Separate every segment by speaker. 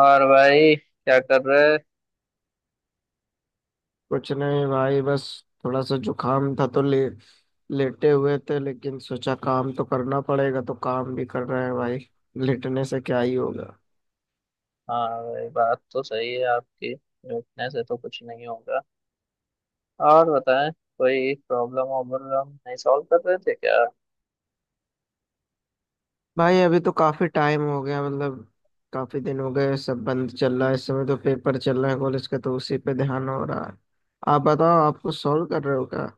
Speaker 1: और भाई क्या कर रहे?
Speaker 2: कुछ नहीं भाई, बस थोड़ा सा जुकाम था तो ले लेटे हुए थे। लेकिन सोचा काम तो करना पड़ेगा, तो काम भी कर रहे हैं भाई। लेटने से क्या ही होगा।
Speaker 1: हाँ भाई बात तो सही है आपकी, रुकने से तो कुछ नहीं होगा। और बताएं। कोई प्रॉब्लम वॉब्लम नहीं सॉल्व कर रहे थे क्या?
Speaker 2: भाई अभी तो काफी टाइम हो गया, मतलब काफी दिन हो गए सब बंद चल रहा है। इस समय तो पेपर चल रहे हैं कॉलेज के, तो उसी पे ध्यान हो रहा है। आप बताओ, आप कुछ सॉल्व कर रहे हो क्या।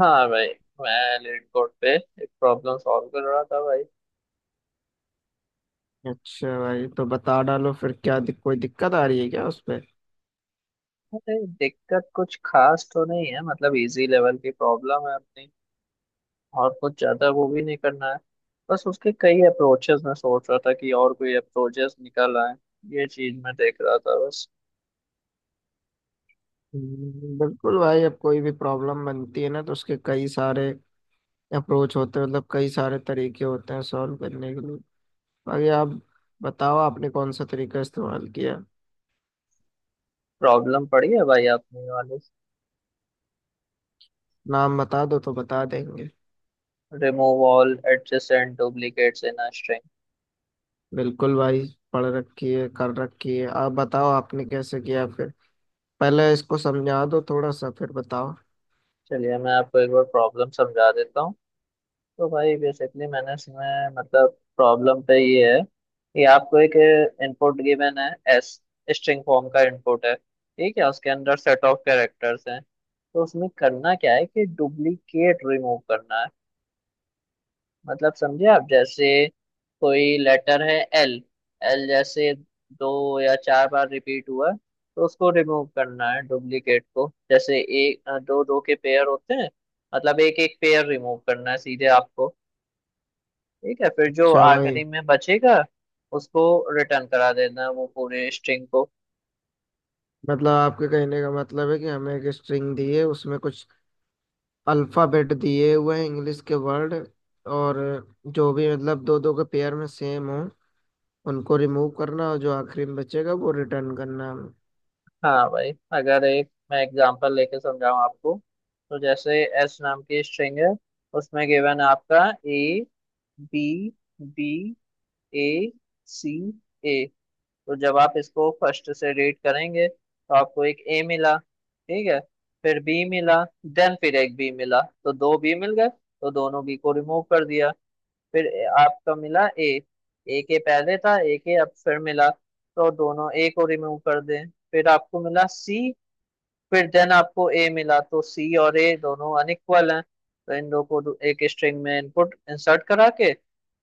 Speaker 1: हाँ भाई, मैं लीड कोड पे एक प्रॉब्लम सॉल्व कर रहा था भाई।
Speaker 2: अच्छा भाई, तो बता डालो फिर। कोई दिक्कत आ रही है क्या उस पे।
Speaker 1: अरे दिक्कत कुछ खास तो नहीं है, मतलब इजी लेवल की प्रॉब्लम है अपनी। और कुछ ज्यादा वो भी नहीं करना है। बस उसके कई अप्रोचेस मैं सोच रहा था कि और कोई अप्रोचेस निकल आए। ये चीज मैं देख रहा था बस।
Speaker 2: बिल्कुल भाई। अब कोई भी प्रॉब्लम बनती है ना, तो उसके कई सारे अप्रोच होते हैं, मतलब कई सारे तरीके होते हैं सॉल्व करने के लिए। बाकी आप बताओ आपने कौन सा तरीका इस्तेमाल किया।
Speaker 1: प्रॉब्लम पड़ी है भाई आपने वाली?
Speaker 2: नाम बता दो तो बता देंगे।
Speaker 1: Remove all adjacent duplicates in a string.
Speaker 2: बिल्कुल भाई, पढ़ रखी है, कर रखी है। आप बताओ आपने कैसे किया फिर। पहले इसको समझा दो थोड़ा सा, फिर बताओ।
Speaker 1: चलिए, मैं आपको एक बार प्रॉब्लम समझा देता हूँ। तो भाई बेसिकली मैंने इसमें, मतलब प्रॉब्लम पे ये है कि आपको एक इनपुट गिवन है। एस स्ट्रिंग फॉर्म का इनपुट है, ठीक है, उसके अंदर सेट ऑफ कैरेक्टर्स हैं, तो उसमें करना क्या है कि डुप्लीकेट रिमूव करना है। मतलब समझे आप, जैसे कोई लेटर है एल। एल जैसे दो या चार बार रिपीट हुआ है, तो उसको रिमूव करना है डुप्लीकेट को। जैसे एक दो दो के पेयर होते हैं। मतलब एक एक पेयर रिमूव करना है सीधे आपको। ठीक है, फिर जो
Speaker 2: अच्छा भाई,
Speaker 1: आखिरी में बचेगा उसको रिटर्न करा देना है, वो पूरे स्ट्रिंग को।
Speaker 2: मतलब आपके कहने का मतलब है कि हमें एक स्ट्रिंग दी है, उसमें कुछ अल्फाबेट दिए हुए हैं इंग्लिश के वर्ड। और जो भी मतलब दो दो के पेयर में सेम हो, उनको रिमूव करना, और जो आखिरी में बचेगा वो रिटर्न करना हमें।
Speaker 1: हाँ भाई। अगर एक मैं एग्जांपल लेके समझाऊँ आपको, तो जैसे एस नाम की स्ट्रिंग है। उसमें गिवन आपका A, B, A, C, A. तो जब आप इसको फर्स्ट से रेट करेंगे तो आपको एक ए मिला, ठीक है। फिर बी मिला, देन फिर एक बी मिला, तो दो बी मिल गए तो दोनों बी को रिमूव कर दिया। फिर आपका मिला ए। ए के पहले था ए के, अब फिर मिला तो दोनों ए को रिमूव कर दें, फिर आपको मिला सी। फिर देन आपको ए मिला, तो सी और ए दोनों अनइक्वल हैं, तो इन दो को एक स्ट्रिंग में इनपुट इंसर्ट करा के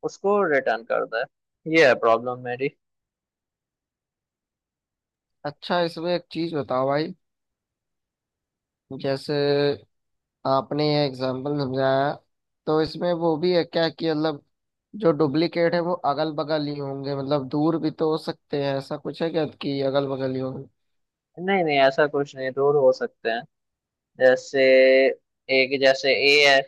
Speaker 1: उसको रिटर्न कर दे। ये है प्रॉब्लम मेरी।
Speaker 2: अच्छा, इसमें एक चीज बताओ भाई। जैसे आपने ये एग्जाम्पल समझाया, तो इसमें वो भी है क्या कि मतलब जो डुप्लीकेट है वो अगल बगल ही होंगे, मतलब दूर भी तो हो सकते हैं? ऐसा कुछ है क्या कि अगल बगल ही होंगे?
Speaker 1: नहीं नहीं, ऐसा कुछ नहीं, रूल हो सकते हैं। जैसे एक, जैसे ए है।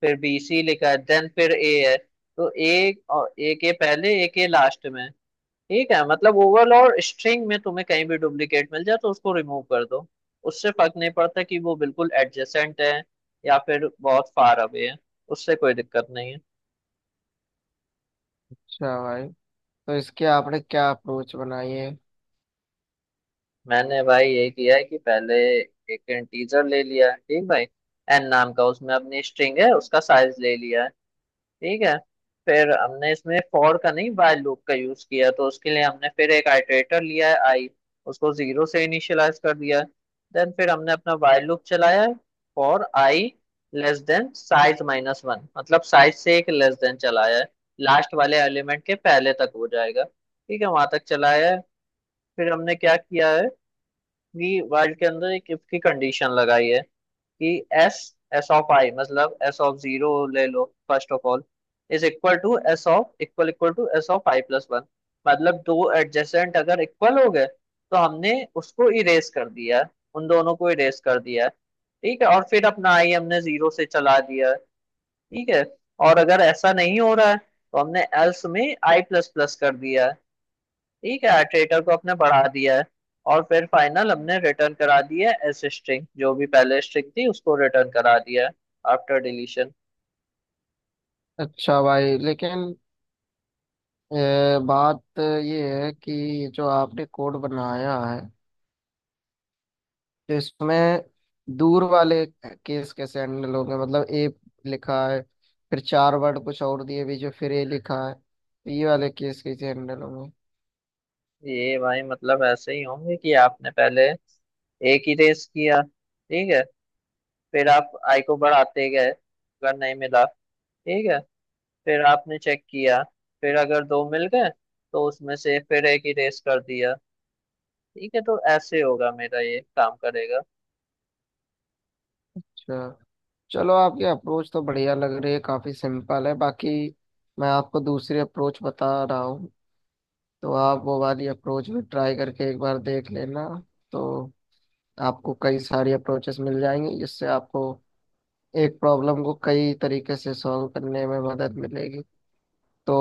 Speaker 1: फिर बी सी लिखा है, देन फिर ए है, तो ए और ए के पहले, ए के लास्ट में। ठीक है, मतलब ओवल और स्ट्रिंग में तुम्हें कहीं भी डुप्लीकेट मिल जाए तो उसको रिमूव कर दो। उससे फर्क नहीं पड़ता कि वो बिल्कुल एडजेसेंट है या फिर बहुत फार अवे है। उससे कोई दिक्कत नहीं है।
Speaker 2: अच्छा भाई, तो इसके आपने क्या अप्रोच बनाई है?
Speaker 1: मैंने भाई ये किया है कि पहले एक इंटीजर ले लिया है, ठीक भाई। एन नाम का, उसमें अपनी स्ट्रिंग है उसका साइज ले लिया है, ठीक है। फिर हमने इसमें फॉर का नहीं, while लूप का यूज किया, तो उसके लिए हमने फिर एक आइटरेटर लिया है आई। उसको जीरो से इनिशियलाइज कर दिया है। देन फिर हमने अपना while लूप चलाया है। For I less than size minus one, मतलब साइज से एक लेस देन चलाया है। लास्ट वाले एलिमेंट के पहले तक हो जाएगा, ठीक है, वहां तक चलाया है। फिर हमने क्या किया है कि while के अंदर एक इफ की कंडीशन लगाई है कि एस, एस ऑफ आई, मतलब एस ऑफ जीरो ले लो first of all, is equal to S of, equal equal to S of I plus one. मतलब दो एडजेसेंट अगर इक्वल हो गए तो हमने उसको इरेज कर दिया है, उन दोनों को इरेज कर दिया है। ठीक है, और फिर अपना आई हमने जीरो से चला दिया है, ठीक है। और अगर ऐसा नहीं हो रहा है तो हमने एल्स में आई प्लस प्लस कर दिया है, ठीक है, ट्रेकर को अपने बढ़ा दिया है। और फिर फाइनल हमने रिटर्न करा दी है एस स्ट्रिंग, जो भी पहले स्ट्रिंग थी उसको रिटर्न करा दिया है आफ्टर डिलीशन।
Speaker 2: अच्छा भाई, लेकिन बात ये है कि जो आपने कोड बनाया है तो इसमें दूर वाले केस कैसे हैंडल होंगे? मतलब ए लिखा है, फिर चार वर्ड कुछ और दिए बीच में, फिर ए लिखा है, तो ये वाले केस कैसे हैंडल होंगे?
Speaker 1: ये भाई मतलब ऐसे ही होंगे कि आपने पहले एक ही रेस किया, ठीक है। फिर आप आई को बढ़ाते गए अगर नहीं मिला, ठीक है। फिर आपने चेक किया, फिर अगर दो मिल गए, तो उसमें से फिर एक ही रेस कर दिया। ठीक है, तो ऐसे होगा मेरा, ये काम करेगा।
Speaker 2: अच्छा, चलो आपकी अप्रोच तो बढ़िया लग रही है, काफी सिंपल है। बाकी मैं आपको दूसरी अप्रोच बता रहा हूँ, तो आप वो वाली अप्रोच भी ट्राई करके एक बार देख लेना। तो आपको कई सारी अप्रोचेस मिल जाएंगी जिससे आपको एक प्रॉब्लम को कई तरीके से सॉल्व करने में मदद मिलेगी। तो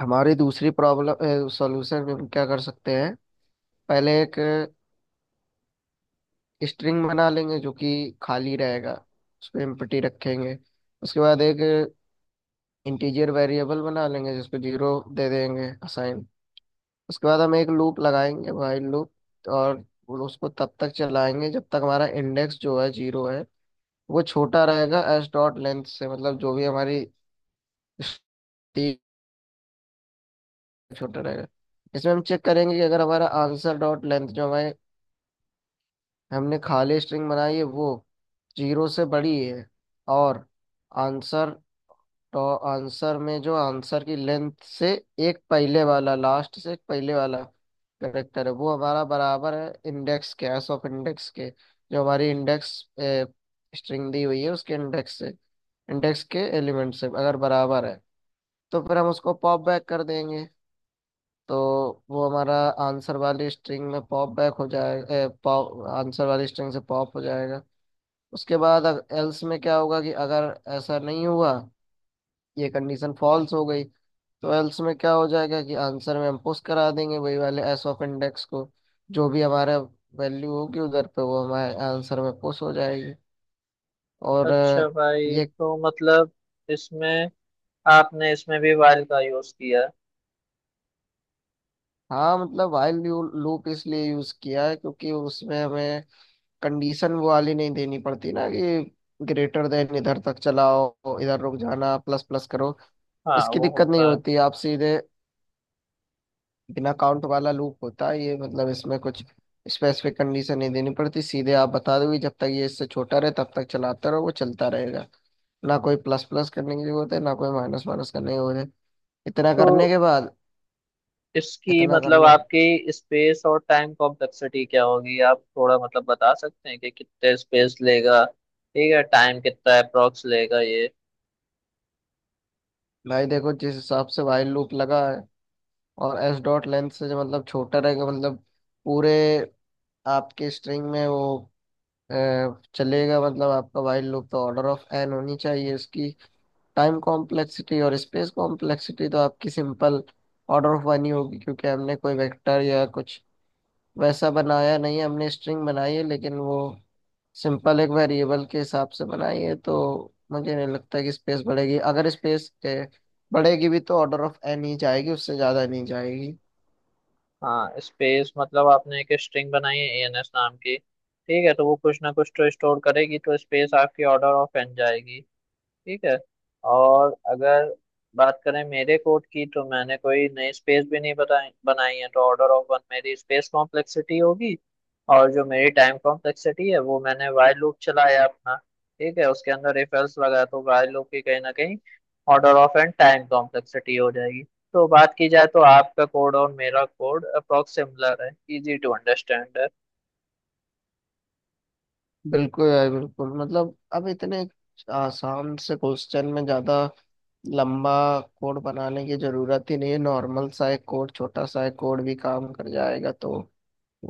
Speaker 2: हमारी दूसरी प्रॉब्लम सॉल्यूशन में हम क्या कर सकते हैं, पहले एक स्ट्रिंग बना लेंगे जो कि खाली रहेगा, उस पे एम्प्टी रखेंगे। उसके बाद एक इंटीजर वेरिएबल बना लेंगे जिसको जीरो दे देंगे असाइन। उसके बाद हम एक लूप लगाएंगे व्हाइल लूप, और उसको तब तक चलाएंगे जब तक हमारा इंडेक्स जो है जीरो है वो छोटा रहेगा एस डॉट लेंथ से, मतलब जो भी हमारी string छोटा रहेगा। इसमें हम चेक करेंगे कि अगर हमारा आंसर डॉट लेंथ, जो हमारे हमने खाली स्ट्रिंग बनाई है, वो जीरो से बड़ी है, और आंसर, तो आंसर में जो आंसर की लेंथ से एक पहले वाला, लास्ट से एक पहले वाला करेक्टर है, वो हमारा बराबर है इंडेक्स के, एस ऑफ इंडेक्स के, जो हमारी इंडेक्स स्ट्रिंग दी हुई है उसके इंडेक्स से, इंडेक्स के एलिमेंट से अगर बराबर है, तो फिर हम उसको पॉप बैक कर देंगे। तो वो हमारा आंसर वाली स्ट्रिंग में पॉप बैक हो जाएगा, आंसर वाली स्ट्रिंग से पॉप हो जाएगा। उसके बाद एल्स में क्या होगा कि अगर ऐसा नहीं हुआ, ये कंडीशन फॉल्स हो गई, तो एल्स में क्या हो जाएगा कि आंसर में हम पुश करा देंगे वही वाले एस ऑफ इंडेक्स को, जो भी हमारा वैल्यू होगी उधर पे वो हमारे आंसर में पुश हो जाएगी। और अ,
Speaker 1: अच्छा भाई,
Speaker 2: ये
Speaker 1: तो मतलब इसमें आपने इसमें भी वाइल का यूज किया है?
Speaker 2: हाँ, मतलब वाइल लूप इसलिए यूज किया है क्योंकि उसमें हमें कंडीशन वो वाली नहीं देनी पड़ती ना कि ग्रेटर देन इधर तक चलाओ, इधर रुक जाना, प्लस प्लस करो।
Speaker 1: हाँ
Speaker 2: इसकी
Speaker 1: वो
Speaker 2: दिक्कत नहीं
Speaker 1: होता है।
Speaker 2: होती, आप सीधे बिना काउंट वाला लूप होता है ये, मतलब इसमें कुछ स्पेसिफिक कंडीशन नहीं देनी पड़ती। सीधे आप बता दोगे जब तक ये इससे छोटा रहे तब तक चलाते रहो, वो चलता रहेगा। ना कोई प्लस प्लस करने की जरूरत है, ना कोई माइनस माइनस करने की जरूरत है। इतना
Speaker 1: तो
Speaker 2: करने के बाद
Speaker 1: इसकी,
Speaker 2: इतना
Speaker 1: मतलब
Speaker 2: करने
Speaker 1: आपकी स्पेस और टाइम कॉम्प्लेक्सिटी क्या होगी, आप थोड़ा मतलब बता सकते हैं कि कितने स्पेस लेगा, ठीक है, टाइम कितना अप्रोक्स लेगा ये?
Speaker 2: भाई देखो, जिस हिसाब से वाइल लूप लगा है और एस डॉट लेंथ से जो मतलब छोटा रहेगा, मतलब पूरे आपके स्ट्रिंग में वो अ, चलेगा, मतलब आपका वाइल लूप, तो ऑर्डर ऑफ एन होनी चाहिए इसकी टाइम कॉम्प्लेक्सिटी। और स्पेस कॉम्प्लेक्सिटी तो आपकी सिंपल ऑर्डर ऑफ वन ही होगी, क्योंकि हमने कोई वेक्टर या कुछ वैसा बनाया नहीं है। हमने स्ट्रिंग बनाई है, लेकिन वो सिंपल एक वेरिएबल के हिसाब से बनाई है, तो मुझे नहीं लगता कि स्पेस बढ़ेगी। अगर स्पेस बढ़ेगी भी तो ऑर्डर ऑफ एन ही जाएगी, उससे ज़्यादा नहीं जाएगी।
Speaker 1: हाँ, स्पेस, मतलब आपने एक स्ट्रिंग बनाई है एएनएस नाम की, ठीक है, तो वो कुछ ना कुछ तो स्टोर करेगी, तो स्पेस आपकी ऑर्डर ऑफ एन जाएगी, ठीक है। और अगर बात करें मेरे कोड की, तो मैंने कोई नई स्पेस भी नहीं बताई बनाई है, तो ऑर्डर ऑफ वन मेरी स्पेस कॉम्प्लेक्सिटी होगी। और जो मेरी टाइम कॉम्प्लेक्सिटी है वो, मैंने वाइल लूप चलाया अपना, ठीक है, उसके अंदर इफ एल्स लगा, तो वाइल लूप की कहीं ना कहीं order of N time complexity हो जाएगी। तो बात की जाए तो आपका कोड और मेरा कोड अप्रोक्स सिमिलर है, इजी टू अंडरस्टैंड है।
Speaker 2: बिल्कुल यार, बिल्कुल, मतलब अब इतने आसान से क्वेश्चन में ज्यादा लंबा कोड बनाने की जरूरत ही नहीं है। नॉर्मल सा एक कोड, छोटा सा एक कोड भी काम कर जाएगा, तो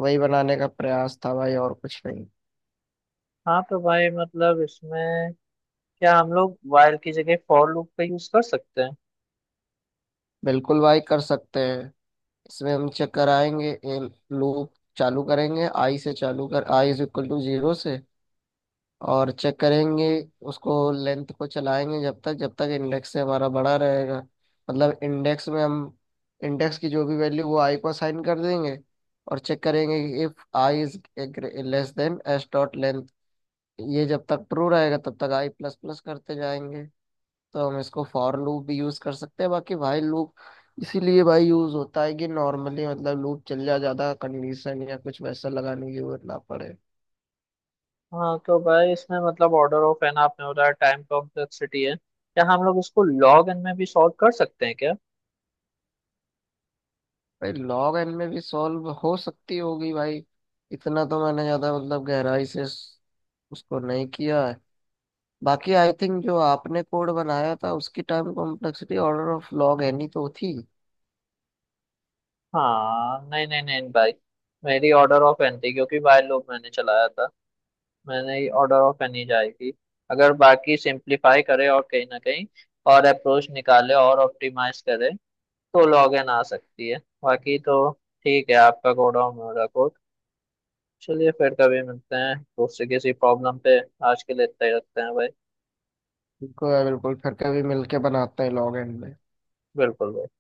Speaker 2: वही बनाने का प्रयास था भाई, और कुछ नहीं।
Speaker 1: हाँ तो भाई मतलब इसमें क्या हम लोग वाइल की जगह फॉर लूप का यूज कर सकते हैं?
Speaker 2: बिल्कुल भाई कर सकते हैं। इसमें हम चेक कराएंगे, लूप चालू करेंगे आई से, चालू कर I is equal to zero से, और चेक करेंगे उसको, लेंथ को चलाएंगे जब तक, जब तक इंडेक्स से हमारा बड़ा रहेगा, मतलब इंडेक्स में हम इंडेक्स की जो भी वैल्यू वो आई को असाइन कर देंगे, और चेक करेंगे if I is less than S dot length. ये जब तक ट्रू रहेगा तब तक आई प्लस प्लस करते जाएंगे। तो हम इसको फॉर लूप भी यूज कर सकते हैं। बाकी भाई लूप इसीलिए भाई यूज होता है कि नॉर्मली मतलब लूप चल जाए, ज्यादा कंडीशन या कुछ वैसा लगाने की जरूरत ना पड़े।
Speaker 1: हाँ तो भाई इसमें मतलब ऑर्डर ऑफ एन आपने बताया टाइम कॉम्प्लेक्सिटी है, क्या हम लोग इसको लॉग एन में भी सॉल्व कर सकते हैं क्या?
Speaker 2: भाई लॉग एन में भी सॉल्व हो सकती होगी भाई। इतना तो मैंने ज्यादा, मतलब गहराई से उसको नहीं किया है। बाकी आई थिंक जो आपने कोड बनाया था उसकी time complexity order of log N ही तो थी।
Speaker 1: हाँ, नहीं नहीं नहीं भाई। मेरी ऑर्डर ऑफ एन थी, क्योंकि भाई लोग मैंने चलाया था, मैंने ही, ऑर्डर ऑफ एन ही जाएगी। अगर बाकी सिंप्लीफाई करे और कहीं ना कहीं और अप्रोच निकाले और ऑप्टिमाइज करे, तो लॉग एन आ सकती है। बाकी तो ठीक है आपका कोड और मेरा कोड। चलिए फिर कभी मिलते हैं दूसरे किसी प्रॉब्लम पे, आज के लिए इतना ही रखते हैं भाई।
Speaker 2: बिल्कुल है, बिल्कुल, फिर कभी मिलके बनाते हैं लॉग एन में।
Speaker 1: बिल्कुल भाई।